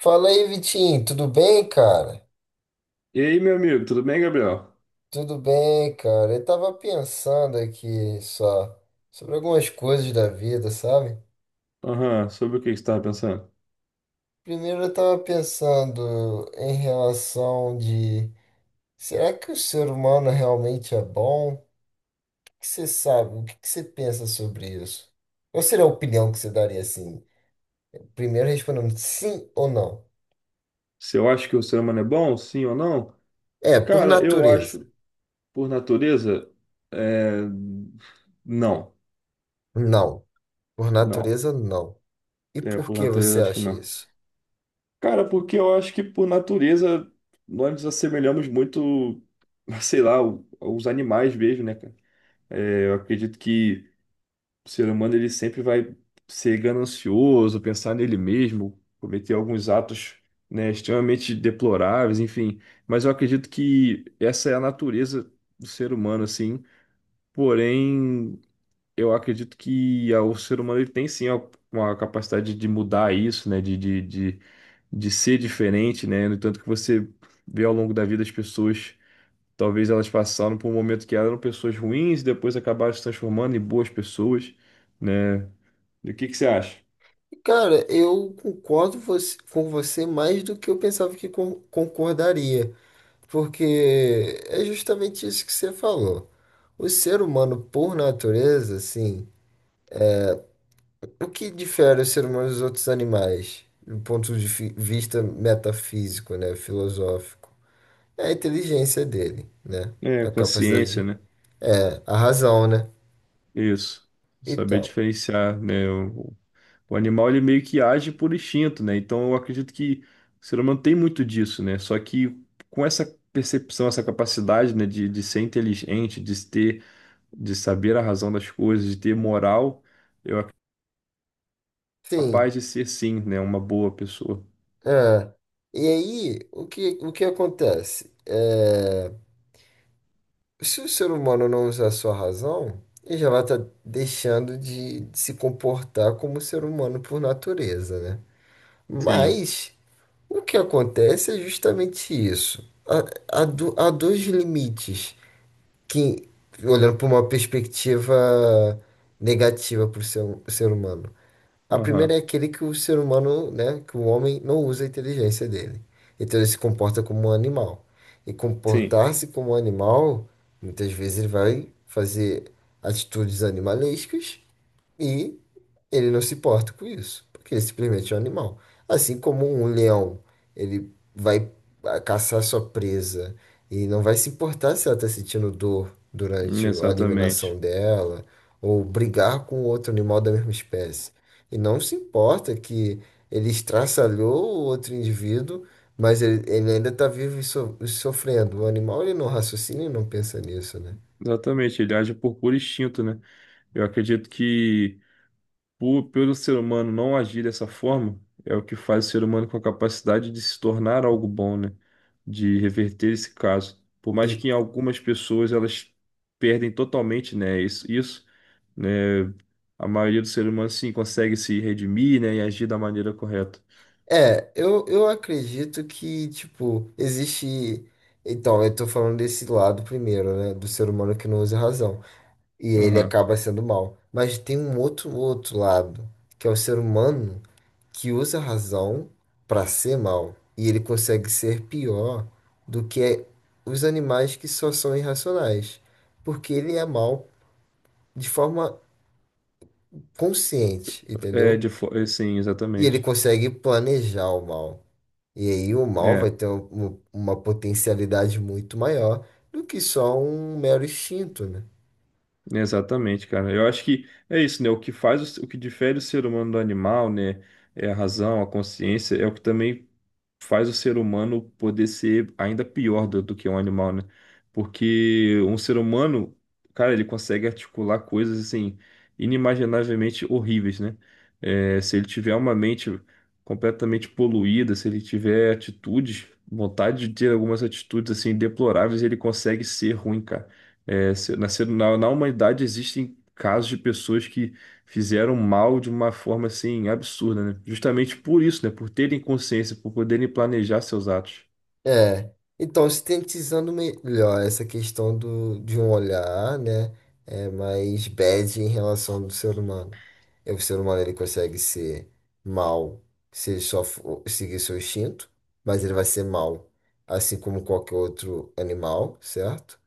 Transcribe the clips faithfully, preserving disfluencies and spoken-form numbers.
Fala aí, Vitinho, tudo bem, cara? E aí, meu amigo, tudo bem, Gabriel? Tudo bem, cara. Eu tava pensando aqui só sobre algumas coisas da vida, sabe? Aham, sobre o que que você estava pensando? Primeiro eu tava pensando em relação de será que o ser humano realmente é bom? O que que você sabe? O que que você pensa sobre isso? Qual seria a opinião que você daria assim? Primeiro respondendo sim ou não. Se eu acho que o ser humano é bom, sim ou não? É, por Cara, eu natureza. acho, por natureza, é... não, Não. Por não. natureza, não. E É, por por que você natureza, acho que acha não. isso? Cara, porque eu acho que, por natureza, nós nos assemelhamos muito, sei lá, o- os animais mesmo, né, cara? É, Eu acredito que o ser humano ele sempre vai ser ganancioso, pensar nele mesmo, cometer alguns atos, né, extremamente deploráveis, enfim. Mas eu acredito que essa é a natureza do ser humano, assim. Porém, eu acredito que ah, o ser humano ele tem sim a- uma capacidade de mudar isso, né, de, de, de, de ser diferente, né. No entanto que você vê ao longo da vida as pessoas. Talvez elas passaram por um momento que eram pessoas ruins e depois acabaram se transformando em boas pessoas, né? E o que que você acha? Cara, eu concordo você- com você mais do que eu pensava que con- concordaria, porque é justamente isso que você falou. O ser humano, por natureza, assim, o que difere o ser humano dos outros animais, do ponto de fi- vista metafísico, né, filosófico, é a inteligência dele, né? É, A capacidade consciência, de... né? É, a razão, né? Isso. Saber Então, diferenciar, né? O, o animal, ele meio que age por instinto, né? Então, eu acredito que o ser humano tem muito disso, né? Só que com essa percepção, essa capacidade, né? De, de ser inteligente, de ter, de saber a razão das coisas, de ter moral, sim, capaz de ser, sim, né? Uma boa pessoa. é. E aí, o que, o que acontece? É, se o ser humano não usar a sua razão, ele já vai estar deixando de se comportar como ser humano por natureza, né? Sim. Mas o que acontece é justamente isso. Há, há do- há dois limites que, olhando por uma perspectiva negativa para o ser, ser humano. A primeira é Aham. aquele que o ser humano, né, que o homem não usa a inteligência dele. Então ele se comporta como um animal. E Sim. comportar-se como um animal, muitas vezes ele vai fazer atitudes animalescas e ele não se importa com isso, porque ele simplesmente é um animal. Assim como um leão, ele vai ah, caçar sua presa e não vai se importar se ela está sentindo dor durante a Exatamente. eliminação dela ou brigar com outro animal da mesma espécie. E não se importa que ele estraçalhou o outro indivíduo, mas ele, ele ainda está vivo e, so- e sofrendo. O animal ele não raciocina e não pensa nisso, né? Exatamente. Ele age por puro instinto, né? Eu acredito que Por, pelo ser humano não agir dessa forma, é o que faz o ser humano com a capacidade de se tornar algo bom, né? De reverter esse caso. Por E, mais que em algumas pessoas elas perdem totalmente, né? Isso, isso, né? A maioria do ser humano sim consegue se redimir, né? E agir da maneira correta. É, eu, eu acredito que, tipo, existe. Então, eu tô falando desse lado primeiro, né? Do ser humano que não usa razão. E ele Aham. acaba sendo mal. Mas tem um outro, outro lado, que é o ser humano que usa a razão pra ser mal. E ele consegue ser pior do que os animais que só são irracionais. Porque ele é mal de forma consciente, É, entendeu? de, fo- é, sim, E ele exatamente. consegue planejar o mal. E aí o mal vai É, ter um- uma potencialidade muito maior do que só um mero instinto, né? exatamente, cara. Eu acho que é isso, né? O que faz o, o que difere o ser humano do animal, né? É a razão, a consciência, é o que também faz o ser humano poder ser ainda pior do, do que um animal, né? Porque um ser humano, cara, ele consegue articular coisas assim inimaginavelmente horríveis, né? É, se ele tiver uma mente completamente poluída, se ele tiver atitudes, vontade de ter algumas atitudes assim deploráveis, ele consegue ser ruim, cara. É, se- na, ser- na na humanidade existem casos de pessoas que fizeram mal de uma forma assim absurda, né? Justamente por isso, né? Por terem consciência, por poderem planejar seus atos. É, então sintetizando melhor essa questão do, de um olhar, né, é mais bad em relação do ser humano. É, o ser humano ele consegue ser mal se ele só for seguir seu instinto, mas ele vai ser mal, assim como qualquer outro animal, certo?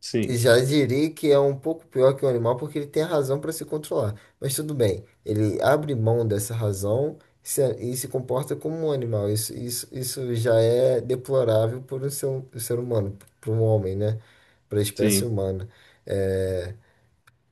Sim, Já direi que é um pouco pior que o animal porque ele tem a razão para se controlar. Mas tudo bem, ele abre mão dessa razão e se- e se comporta como um animal. Isso, isso, isso já é deplorável por um ser, um ser humano, para um homem, né? Para a espécie sim, humana. É,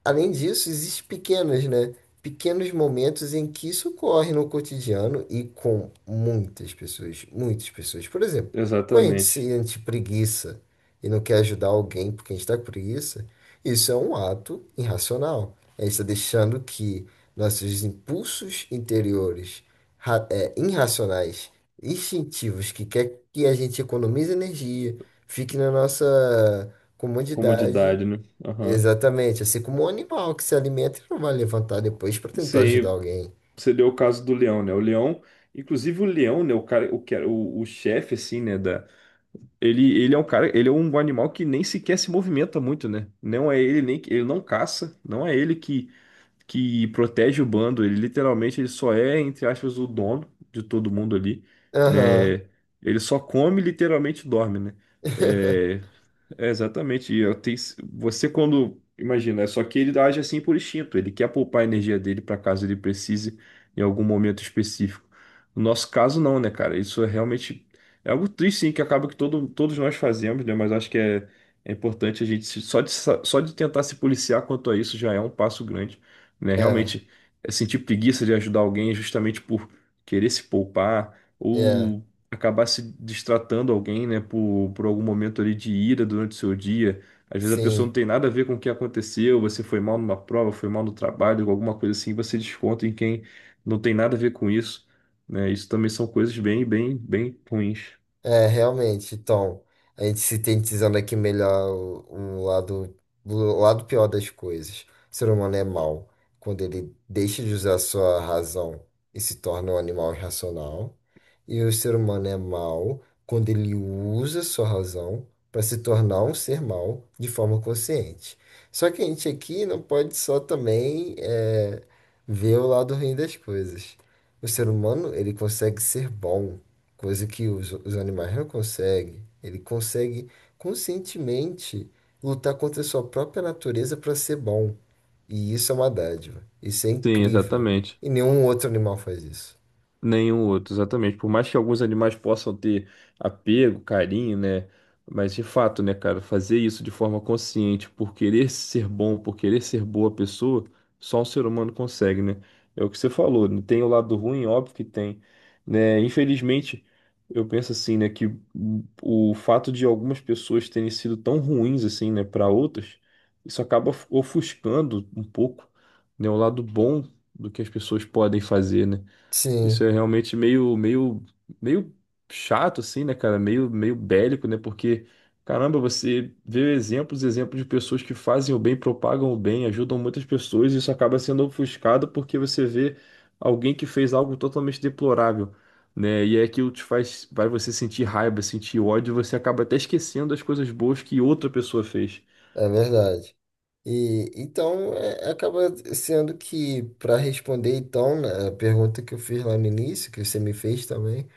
além disso, existem pequenos, né? Pequenos momentos em que isso ocorre no cotidiano e com muitas pessoas, muitas pessoas. Por exemplo, quando a gente exatamente. sente preguiça e não quer ajudar alguém porque a gente está com preguiça, isso é um ato irracional. A gente está deixando que nossos impulsos interiores, ra- é, irracionais, instintivos, que quer que a gente economize energia, fique na nossa comodidade. Comodidade, né? Aham. Exatamente, assim como um animal que se alimenta e não vai levantar depois para tentar ajudar Sim, alguém. você deu o caso do leão, né? O leão, inclusive o leão, né? O cara, o, que era- o, o chefe, assim, né? Da. Ele, ele é um cara, ele é um animal que nem sequer se movimenta muito, né? Não é ele nem que- ele não caça, não é ele que que protege o bando. Ele literalmente ele só é, entre aspas, o dono de todo mundo ali, Aham. né? Ele só come e literalmente dorme, né? É, é exatamente. E eu tenho- Você quando. Imagina, é só que ele age assim por instinto. Ele quer poupar a energia dele para caso ele precise em algum momento específico. No nosso caso, não, né, cara? Isso é realmente. É algo triste, sim, que acaba que todo, todos nós fazemos, né? Mas acho que é, é importante a gente. se- Só de, sa- só de tentar se policiar quanto a isso já é um passo grande, né? É, Realmente, é sentir preguiça de ajudar alguém justamente por querer se poupar. é, Ou acabar se distratando alguém, né, por, por algum momento ali de ira durante o seu dia. Às vezes a pessoa não sim. tem nada a ver com o que aconteceu, você foi mal numa prova, foi mal no trabalho, alguma coisa assim, você desconta em quem não tem nada a ver com isso, né? Isso também são coisas bem, bem, bem ruins. É, realmente. Então, a gente se sintetizando aqui melhor o o lado, o lado pior das coisas. O ser humano é mau quando ele deixa de usar sua razão e se torna um animal irracional. E o ser humano é mau quando ele usa sua razão para se tornar um ser mau de forma consciente. Só que a gente aqui não pode só também é, ver o lado ruim das coisas. O ser humano, ele consegue ser bom, coisa que os, os animais não conseguem. Ele consegue conscientemente lutar contra a sua própria natureza para ser bom. E isso é uma dádiva. Isso é Sim, incrível. exatamente. E nenhum outro animal faz isso. Nenhum outro, exatamente. Por mais que alguns animais possam ter apego, carinho, né? Mas de fato, né, cara, fazer isso de forma consciente, por querer ser bom, por querer ser boa pessoa, só um ser humano consegue, né? É o que você falou, né? Tem o lado ruim, óbvio que tem, né? Infelizmente, eu penso assim, né, que o fato de algumas pessoas terem sido tão ruins assim, né, para outras, isso acaba ofuscando um pouco, né, o lado bom do que as pessoas podem fazer, né? Isso Sim, é realmente meio, meio, meio chato, assim, né, cara? Meio, meio bélico, né? Porque, caramba, você vê exemplos, exemplos de pessoas que fazem o bem, propagam o bem, ajudam muitas pessoas, e isso acaba sendo ofuscado porque você vê alguém que fez algo totalmente deplorável, né? E é aquilo que te faz, vai você sentir raiva, sentir ódio, e você acaba até esquecendo as coisas boas que outra pessoa fez. é verdade. E então é- acaba sendo que para responder então, né, a pergunta que eu fiz lá no início, que você me fez também,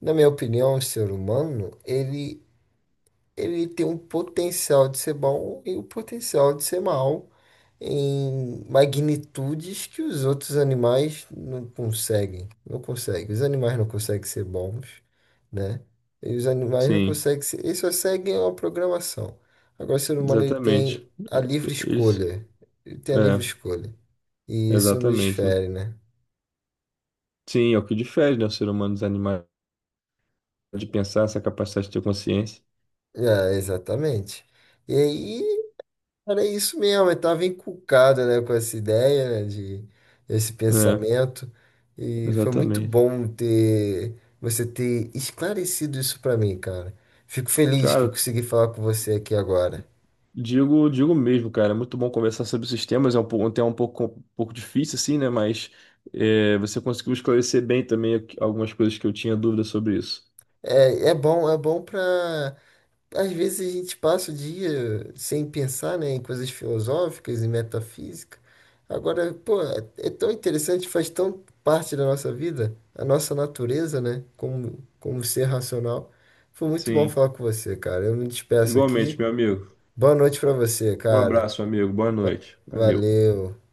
na minha opinião, o ser humano, ele ele tem um potencial de ser bom e o potencial de ser mal, em magnitudes que os outros animais não conseguem. Não conseguem. Os animais não conseguem ser bons, né? E os animais não Sim, conseguem ser. Eles só seguem uma programação. Agora, o ser humano ele exatamente. tem a E- livre e- Eles, escolha. Ele tem a livre é, escolha. E isso nos exatamente, né? fere, né? Sim, é o que difere, né, o ser humano dos animais. De pensar, essa capacidade de ter consciência. É, exatamente. E aí, cara, é isso mesmo, eu estava encucado, né, com essa ideia, né, de esse É, pensamento, e foi muito exatamente. bom ter você ter esclarecido isso para mim, cara. Fico feliz que Cara, consegui falar com você aqui agora. digo, digo mesmo, cara, é muito bom conversar sobre sistemas, é um, pou- um tema um pouco, um pouco difícil, assim, né? Mas é, você conseguiu esclarecer bem também aqu- algumas coisas que eu tinha dúvida sobre isso. É, é bom, é bom para às vezes a gente passa o dia sem pensar, né, em coisas filosóficas e metafísica. Agora, pô, é tão interessante, faz tão parte da nossa vida, a nossa natureza, né, como, como ser racional. Foi muito bom Sim, falar com você, cara. Eu me despeço igualmente, aqui. meu amigo. Boa noite pra você, Um cara. abraço, amigo. Boa Va- noite. Valeu. Valeu.